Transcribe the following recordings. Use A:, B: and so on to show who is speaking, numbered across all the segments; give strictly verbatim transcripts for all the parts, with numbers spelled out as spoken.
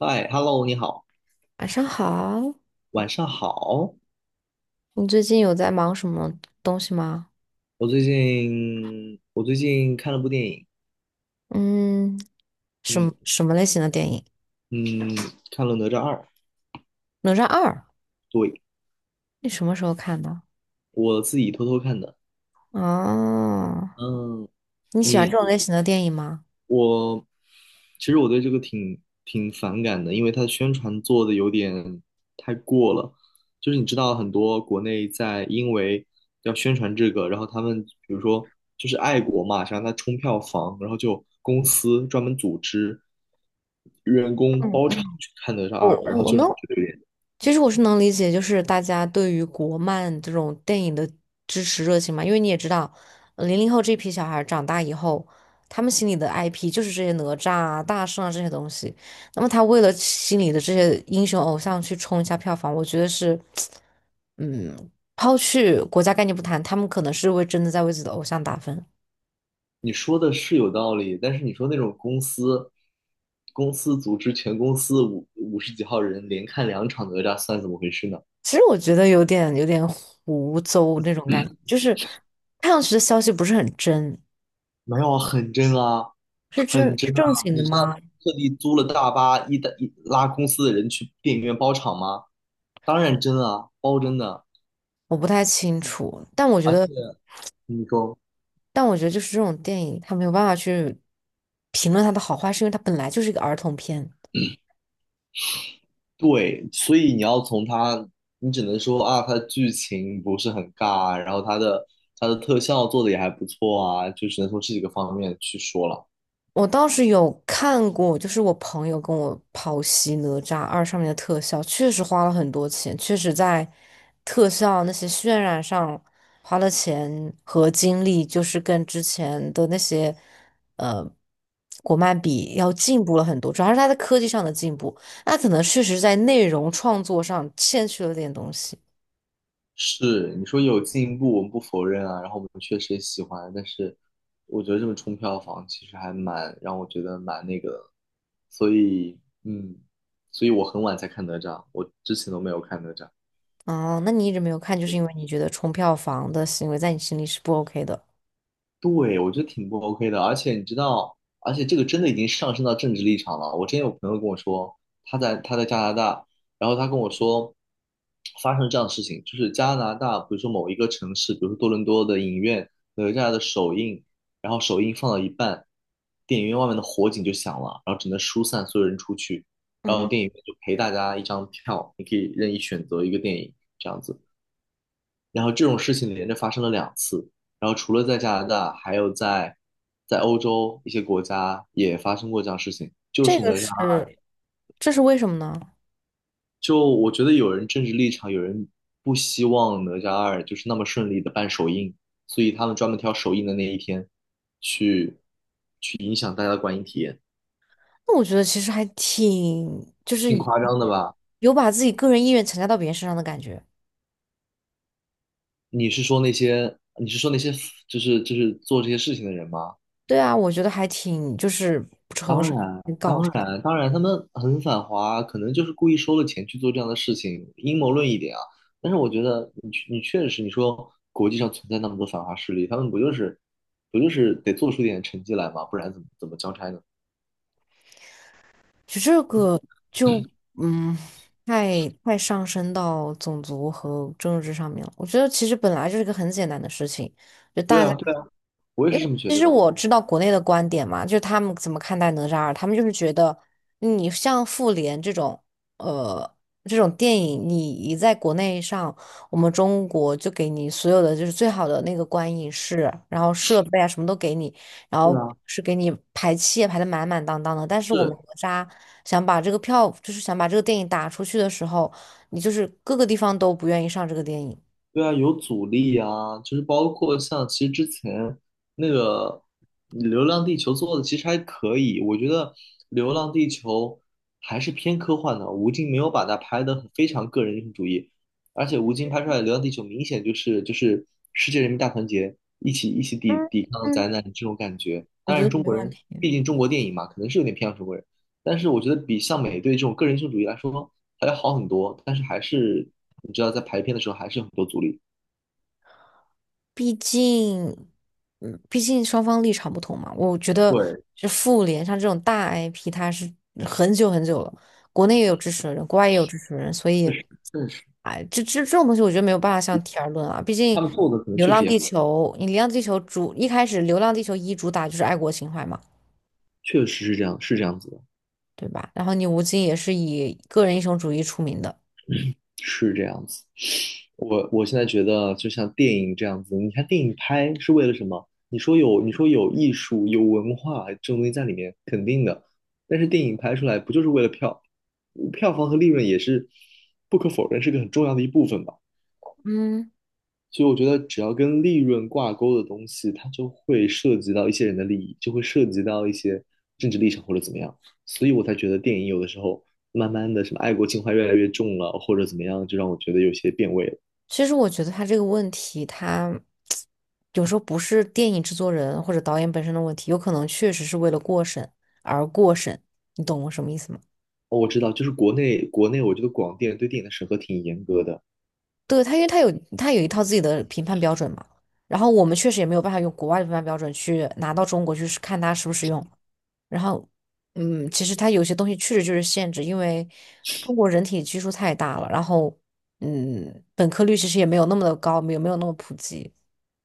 A: 嗨，Hello，你好，
B: 晚上好，
A: 晚上好。
B: 你最近有在忙什么东西吗？
A: 我最近我最近看了部电影，
B: 嗯，什
A: 嗯
B: 么什么类型的电影？
A: 嗯，看了《哪吒二》，
B: 《哪吒二》，
A: 对，
B: 你什么时候看的？
A: 我自己偷偷看的。
B: 哦，
A: 嗯，
B: 你喜欢这
A: 你
B: 种类型的电影吗？
A: 我其实我对这个挺挺反感的，因为它的宣传做的有点太过了。就是你知道，很多国内在因为要宣传这个，然后他们比如说就是爱国嘛，想让它冲票房，然后就公司专门组织员工
B: 嗯，
A: 包场去看哪吒
B: 我
A: 二，然后
B: 我
A: 就让
B: 能
A: 我觉得有点。
B: 其实我是能理解，就是大家对于国漫这种电影的支持热情嘛，因为你也知道，零零后这批小孩儿长大以后，他们心里的 I P 就是这些哪吒啊、大圣啊这些东西。那么他为了心里的这些英雄偶像去冲一下票房，我觉得是，嗯，抛去国家概念不谈，他们可能是为真的在为自己的偶像打分。
A: 你说的是有道理，但是你说那种公司公司组织全公司五五十几号人连看两场哪吒，算怎么回事呢？
B: 其实我觉得有点有点胡诌那种感觉，就是看上去的消息不是很真，
A: 没有很真啊，
B: 是真
A: 很
B: 是
A: 真啊！
B: 正经的
A: 你知道他
B: 吗？
A: 特地租了大巴，一搭一拉公司的人去电影院包场吗？当然真啊，包真的。
B: 我不太清楚，但我觉
A: 而且
B: 得，
A: 你说
B: 但我觉得就是这种电影，它没有办法去评论它的好坏，是因为它本来就是一个儿童片。
A: 对，所以你要从他，你只能说啊，他的剧情不是很尬，然后他的他的特效做的也还不错啊，就只能从这几个方面去说了。
B: 我倒是有看过，就是我朋友跟我剖析《哪吒二》上面的特效，确实花了很多钱，确实在特效那些渲染上花了钱和精力，就是跟之前的那些呃国漫比要进步了很多，主要是它在科技上的进步，那可能确实在内容创作上欠缺了点东西。
A: 是，你说有进步，我们不否认啊，然后我们确实也喜欢，但是我觉得这么冲票房其实还蛮让我觉得蛮那个的，所以嗯，所以我很晚才看哪吒，我之前都没有看哪吒。
B: 哦，那你一直没有看，就是因为你觉得冲票房的行为在你心里是不 OK 的。
A: 对，我觉得挺不 OK 的，而且你知道，而且这个真的已经上升到政治立场了。我之前有朋友跟我说，他在他在加拿大，然后他跟我说，发生这样的事情，就是加拿大，比如说某一个城市，比如说多伦多的影院，哪吒的首映，然后首映放到一半，电影院外面的火警就响了，然后只能疏散所有人出去，然后
B: 嗯，
A: 电影院就赔大家一张票，你可以任意选择一个电影这样子。然后这种事情连着发生了两次，然后除了在加拿大，还有在在欧洲一些国家也发生过这样的事情。就
B: 这
A: 是哪
B: 个
A: 吒，
B: 是，这是为什么呢？
A: 就我觉得有人政治立场，有人不希望哪吒二就是那么顺利的办首映，所以他们专门挑首映的那一天去去影响大家的观影体验，
B: 那我觉得其实还挺，就是
A: 挺夸张的吧？
B: 有把自己个人意愿强加到别人身上的感觉。
A: 你是说那些你是说那些就是就是做这些事情的人吗？
B: 对啊，我觉得还挺就是不诚
A: 当
B: 实，
A: 然。
B: 很搞
A: 当
B: 笑。
A: 然，当然，他们很反华，可能就是故意收了钱去做这样的事情，阴谋论一点啊。但是我觉得你确你确实，你说国际上存在那么多反华势力，他们不就是不就是得做出点成绩来嘛，不然怎么怎么交差呢？
B: 就这个就嗯，太太上升到种族和政治上面了。我觉得其实本来就是一个很简单的事情，就
A: 对
B: 大家。
A: 啊，对啊，我也
B: 因
A: 是这
B: 为
A: 么觉
B: 其
A: 得
B: 实
A: 的。
B: 我知道国内的观点嘛，就是他们怎么看待哪吒二，他们就是觉得你像复联这种，呃，这种电影，你一在国内上，我们中国就给你所有的就是最好的那个观影室，然后设备啊什么都给你，然
A: 对
B: 后
A: 啊，
B: 是给你排期也排得满满当当的。但是我们
A: 是，
B: 哪吒想把这个票，就是想把这个电影打出去的时候，你就是各个地方都不愿意上这个电影，
A: 对啊，有阻力啊，就是包括像其实之前那个《流浪地球》做的其实还可以，我觉得《流浪地球》还是偏科幻的，吴京没有把它拍得很非常个人英雄主义，而且吴京拍出来的《流浪地球》明显就是就是世界人民大团结，一起一起抵抵抗灾难这种感觉。
B: 我
A: 当
B: 觉
A: 然，
B: 得
A: 中
B: 没
A: 国
B: 问
A: 人
B: 题。
A: 毕竟中国电影嘛，可能是有点偏向中国人，但是我觉得比像美队这种个人英雄主义来说还要好很多，但是还是你知道在排片的时候还是有很多阻力。
B: 毕竟，嗯，毕竟双方立场不同嘛。我觉得，
A: 对，
B: 就复联像这种大 I P,它是很久很久了，国内也有支持的人，国外也有支持的人，所以，
A: 确实，
B: 哎，这这这种东西，我觉得没有办法相提而论啊。毕竟，
A: 他们做的可能
B: 《流
A: 确实
B: 浪
A: 也
B: 地球》，你《流浪地球》主一开始，《流浪地球一》主打就是爱国情怀嘛，
A: 确实是这样，是这样子的，
B: 对吧？然后你吴京也是以个人英雄主义出名的。
A: 是这样子。我我现在觉得，就像电影这样子，你看电影拍是为了什么？你说有，你说有艺术、有文化这种东西在里面，肯定的。但是电影拍出来不就是为了票，票房和利润也是不可否认是个很重要的一部分吧？
B: 嗯。
A: 所以我觉得只要跟利润挂钩的东西，它就会涉及到一些人的利益，就会涉及到一些政治立场或者怎么样。所以我才觉得电影有的时候慢慢的什么爱国情怀越来越重了，或者怎么样，就让我觉得有些变味了。
B: 其实我觉得他这个问题，他有时候不是电影制作人或者导演本身的问题，有可能确实是为了过审而过审，你懂我什么意思吗？
A: 哦，我知道，就是国内国内，我觉得广电对电影的审核挺严格的。
B: 对，他，因为他有他有一套自己的评判标准嘛，然后我们确实也没有办法用国外的评判标准去拿到中国去试看它实不实用。然后，嗯，其实他有些东西确实就是限制，因为中国人体基数太大了，然后，嗯，本科率其实也没有那么的高，没有没有那么普及。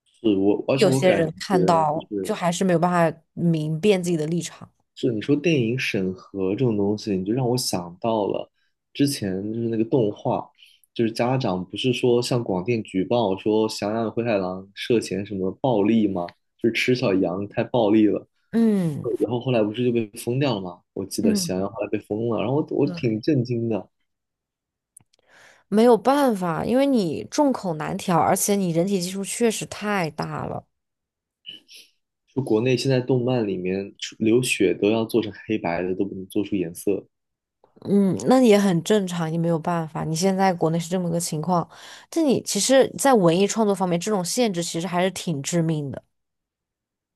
A: 是我，而且
B: 有
A: 我
B: 些
A: 感
B: 人
A: 觉
B: 看
A: 就
B: 到就
A: 是
B: 还是没有办法明辨自己的立场。
A: 是你说电影审核这种东西，你就让我想到了之前就是那个动画，就是家长不是说向广电举报说羊与灰太狼涉嫌什么暴力吗？就是吃小羊太暴力了，
B: 嗯
A: 然后后来不是就被封掉了吗？我记得翔羊
B: 嗯，
A: 后来被封了，然后我我
B: 对，
A: 挺震惊的，
B: 没有办法，因为你众口难调，而且你人体基数确实太大了。
A: 就国内现在动漫里面出流血都要做成黑白的，都不能做出颜色。
B: 嗯，那也很正常，也没有办法。你现在国内是这么个情况，但你其实，在文艺创作方面，这种限制其实还是挺致命的。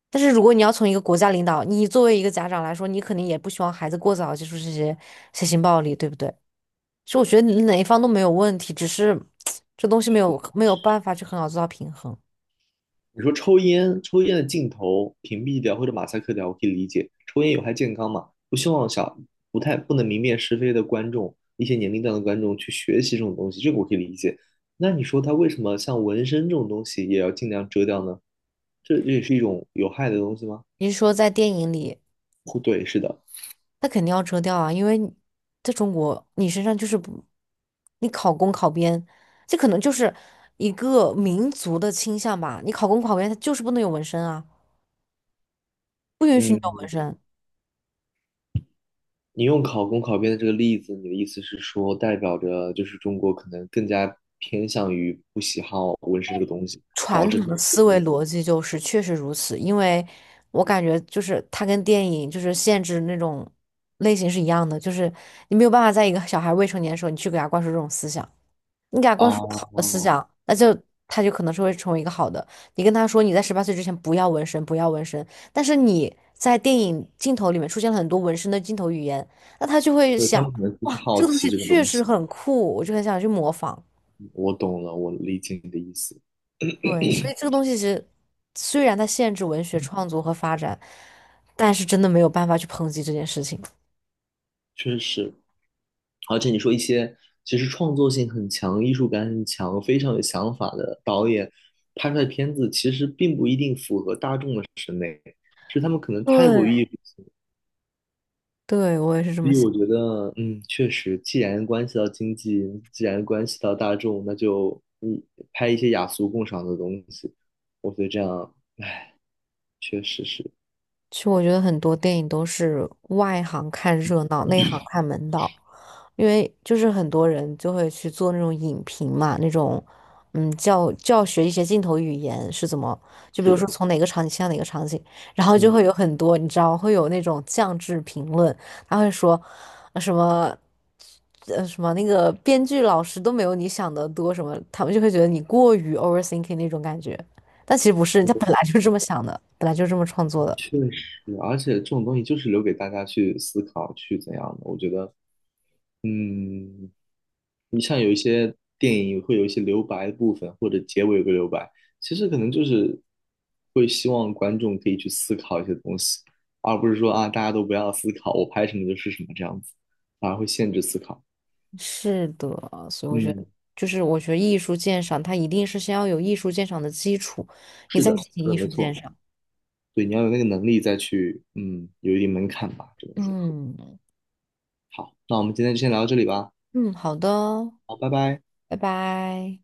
B: 但是如果你要从一个国家领导，你作为一个家长来说，你肯定也不希望孩子过早接触这些血腥暴力，对不对？其实我觉得你哪一方都没有问题，只是这东西没有没有办法去很好做到平衡。
A: 你说抽烟，抽烟的镜头屏蔽掉或者马赛克掉，我可以理解。抽烟有害健康嘛？不希望小不太不能明辨是非的观众，一些年龄段的观众去学习这种东西，这个我可以理解。那你说他为什么像纹身这种东西也要尽量遮掉呢？这这也是一种有害的东西吗？
B: 你是说在电影里，
A: 不对，是的。
B: 那肯定要遮掉啊，因为你在中国，你身上就是不，你考公考编，这可能就是一个民族的倾向吧。你考公考编，它就是不能有纹身啊，不允许你
A: 嗯，
B: 有纹身。
A: 你用考公考编的这个例子，你的意思是说，代表着就是中国可能更加偏向于不喜好纹身这个东西，
B: 传
A: 导
B: 统
A: 致他
B: 的
A: 们
B: 思维逻辑就是确实如此，因为我感觉就是它跟电影就是限制那种类型是一样的，就是你没有办法在一个小孩未成年的时候，你去给他灌输这种思想，你给他
A: 啊。
B: 灌输好的思
A: 哦
B: 想，那就他就可能是会成为一个好的。你跟他说你在十八岁之前不要纹身，不要纹身，但是你在电影镜头里面出现了很多纹身的镜头语言，那他就会
A: 对，他
B: 想，
A: 们可能就
B: 哇，
A: 是好
B: 这个东
A: 奇
B: 西
A: 这个
B: 确
A: 东
B: 实
A: 西。
B: 很酷，我就很想去模仿。
A: 我懂了，我理解你的意思，
B: 对，所以这个东西其实虽然它限制文学创作和发展，但是真的没有办法去抨击这件事情。
A: 确实。而且你说一些其实创作性很强、艺术感很强、非常有想法的导演拍出来的片子，其实并不一定符合大众的，是他们可能太过于
B: 对，
A: 艺术性。
B: 对，我也是这
A: 所
B: 么
A: 以
B: 想。
A: 我觉得，嗯，确实，既然关系到经济，既然关系到大众，那就嗯拍一些雅俗共赏的东西。我觉得这样确实是
B: 其实我觉得很多电影都是外行看热闹，内行看门道，因为就是很多人就会去做那种影评嘛，那种嗯教教学一些镜头语言是怎么，就比
A: 是
B: 如
A: 的，
B: 说从哪个场景切到哪个场景，然后就
A: 嗯。
B: 会有很多你知道会有那种降智评论，他会说呃什么。呃什么那个编剧老师都没有你想的多什么，他们就会觉得你过于 overthinking 那种感觉，但其实不是，人家本来就是这么想的，本来就是这么创作的。
A: 确实，而且这种东西就是留给大家去思考，去怎样的。我觉得，嗯，你像有一些电影会有一些留白的部分，或者结尾有个留白，其实可能就是会希望观众可以去思考一些东西，而不是说啊大家都不要思考，我拍什么就是什么这样子，反而会限制思考。
B: 是的，所以我觉得，
A: 嗯，
B: 就是我觉得艺术鉴赏，它一定是先要有艺术鉴赏的基础，你
A: 是
B: 再
A: 的，
B: 进行
A: 说
B: 艺
A: 的
B: 术
A: 没
B: 鉴
A: 错。
B: 赏。
A: 对，你要有那个能力再去，嗯，有一定门槛吧，这么说。
B: 嗯
A: 好，那我们今天就先聊到这里吧。
B: 嗯，好的，
A: 好，拜拜。
B: 拜拜。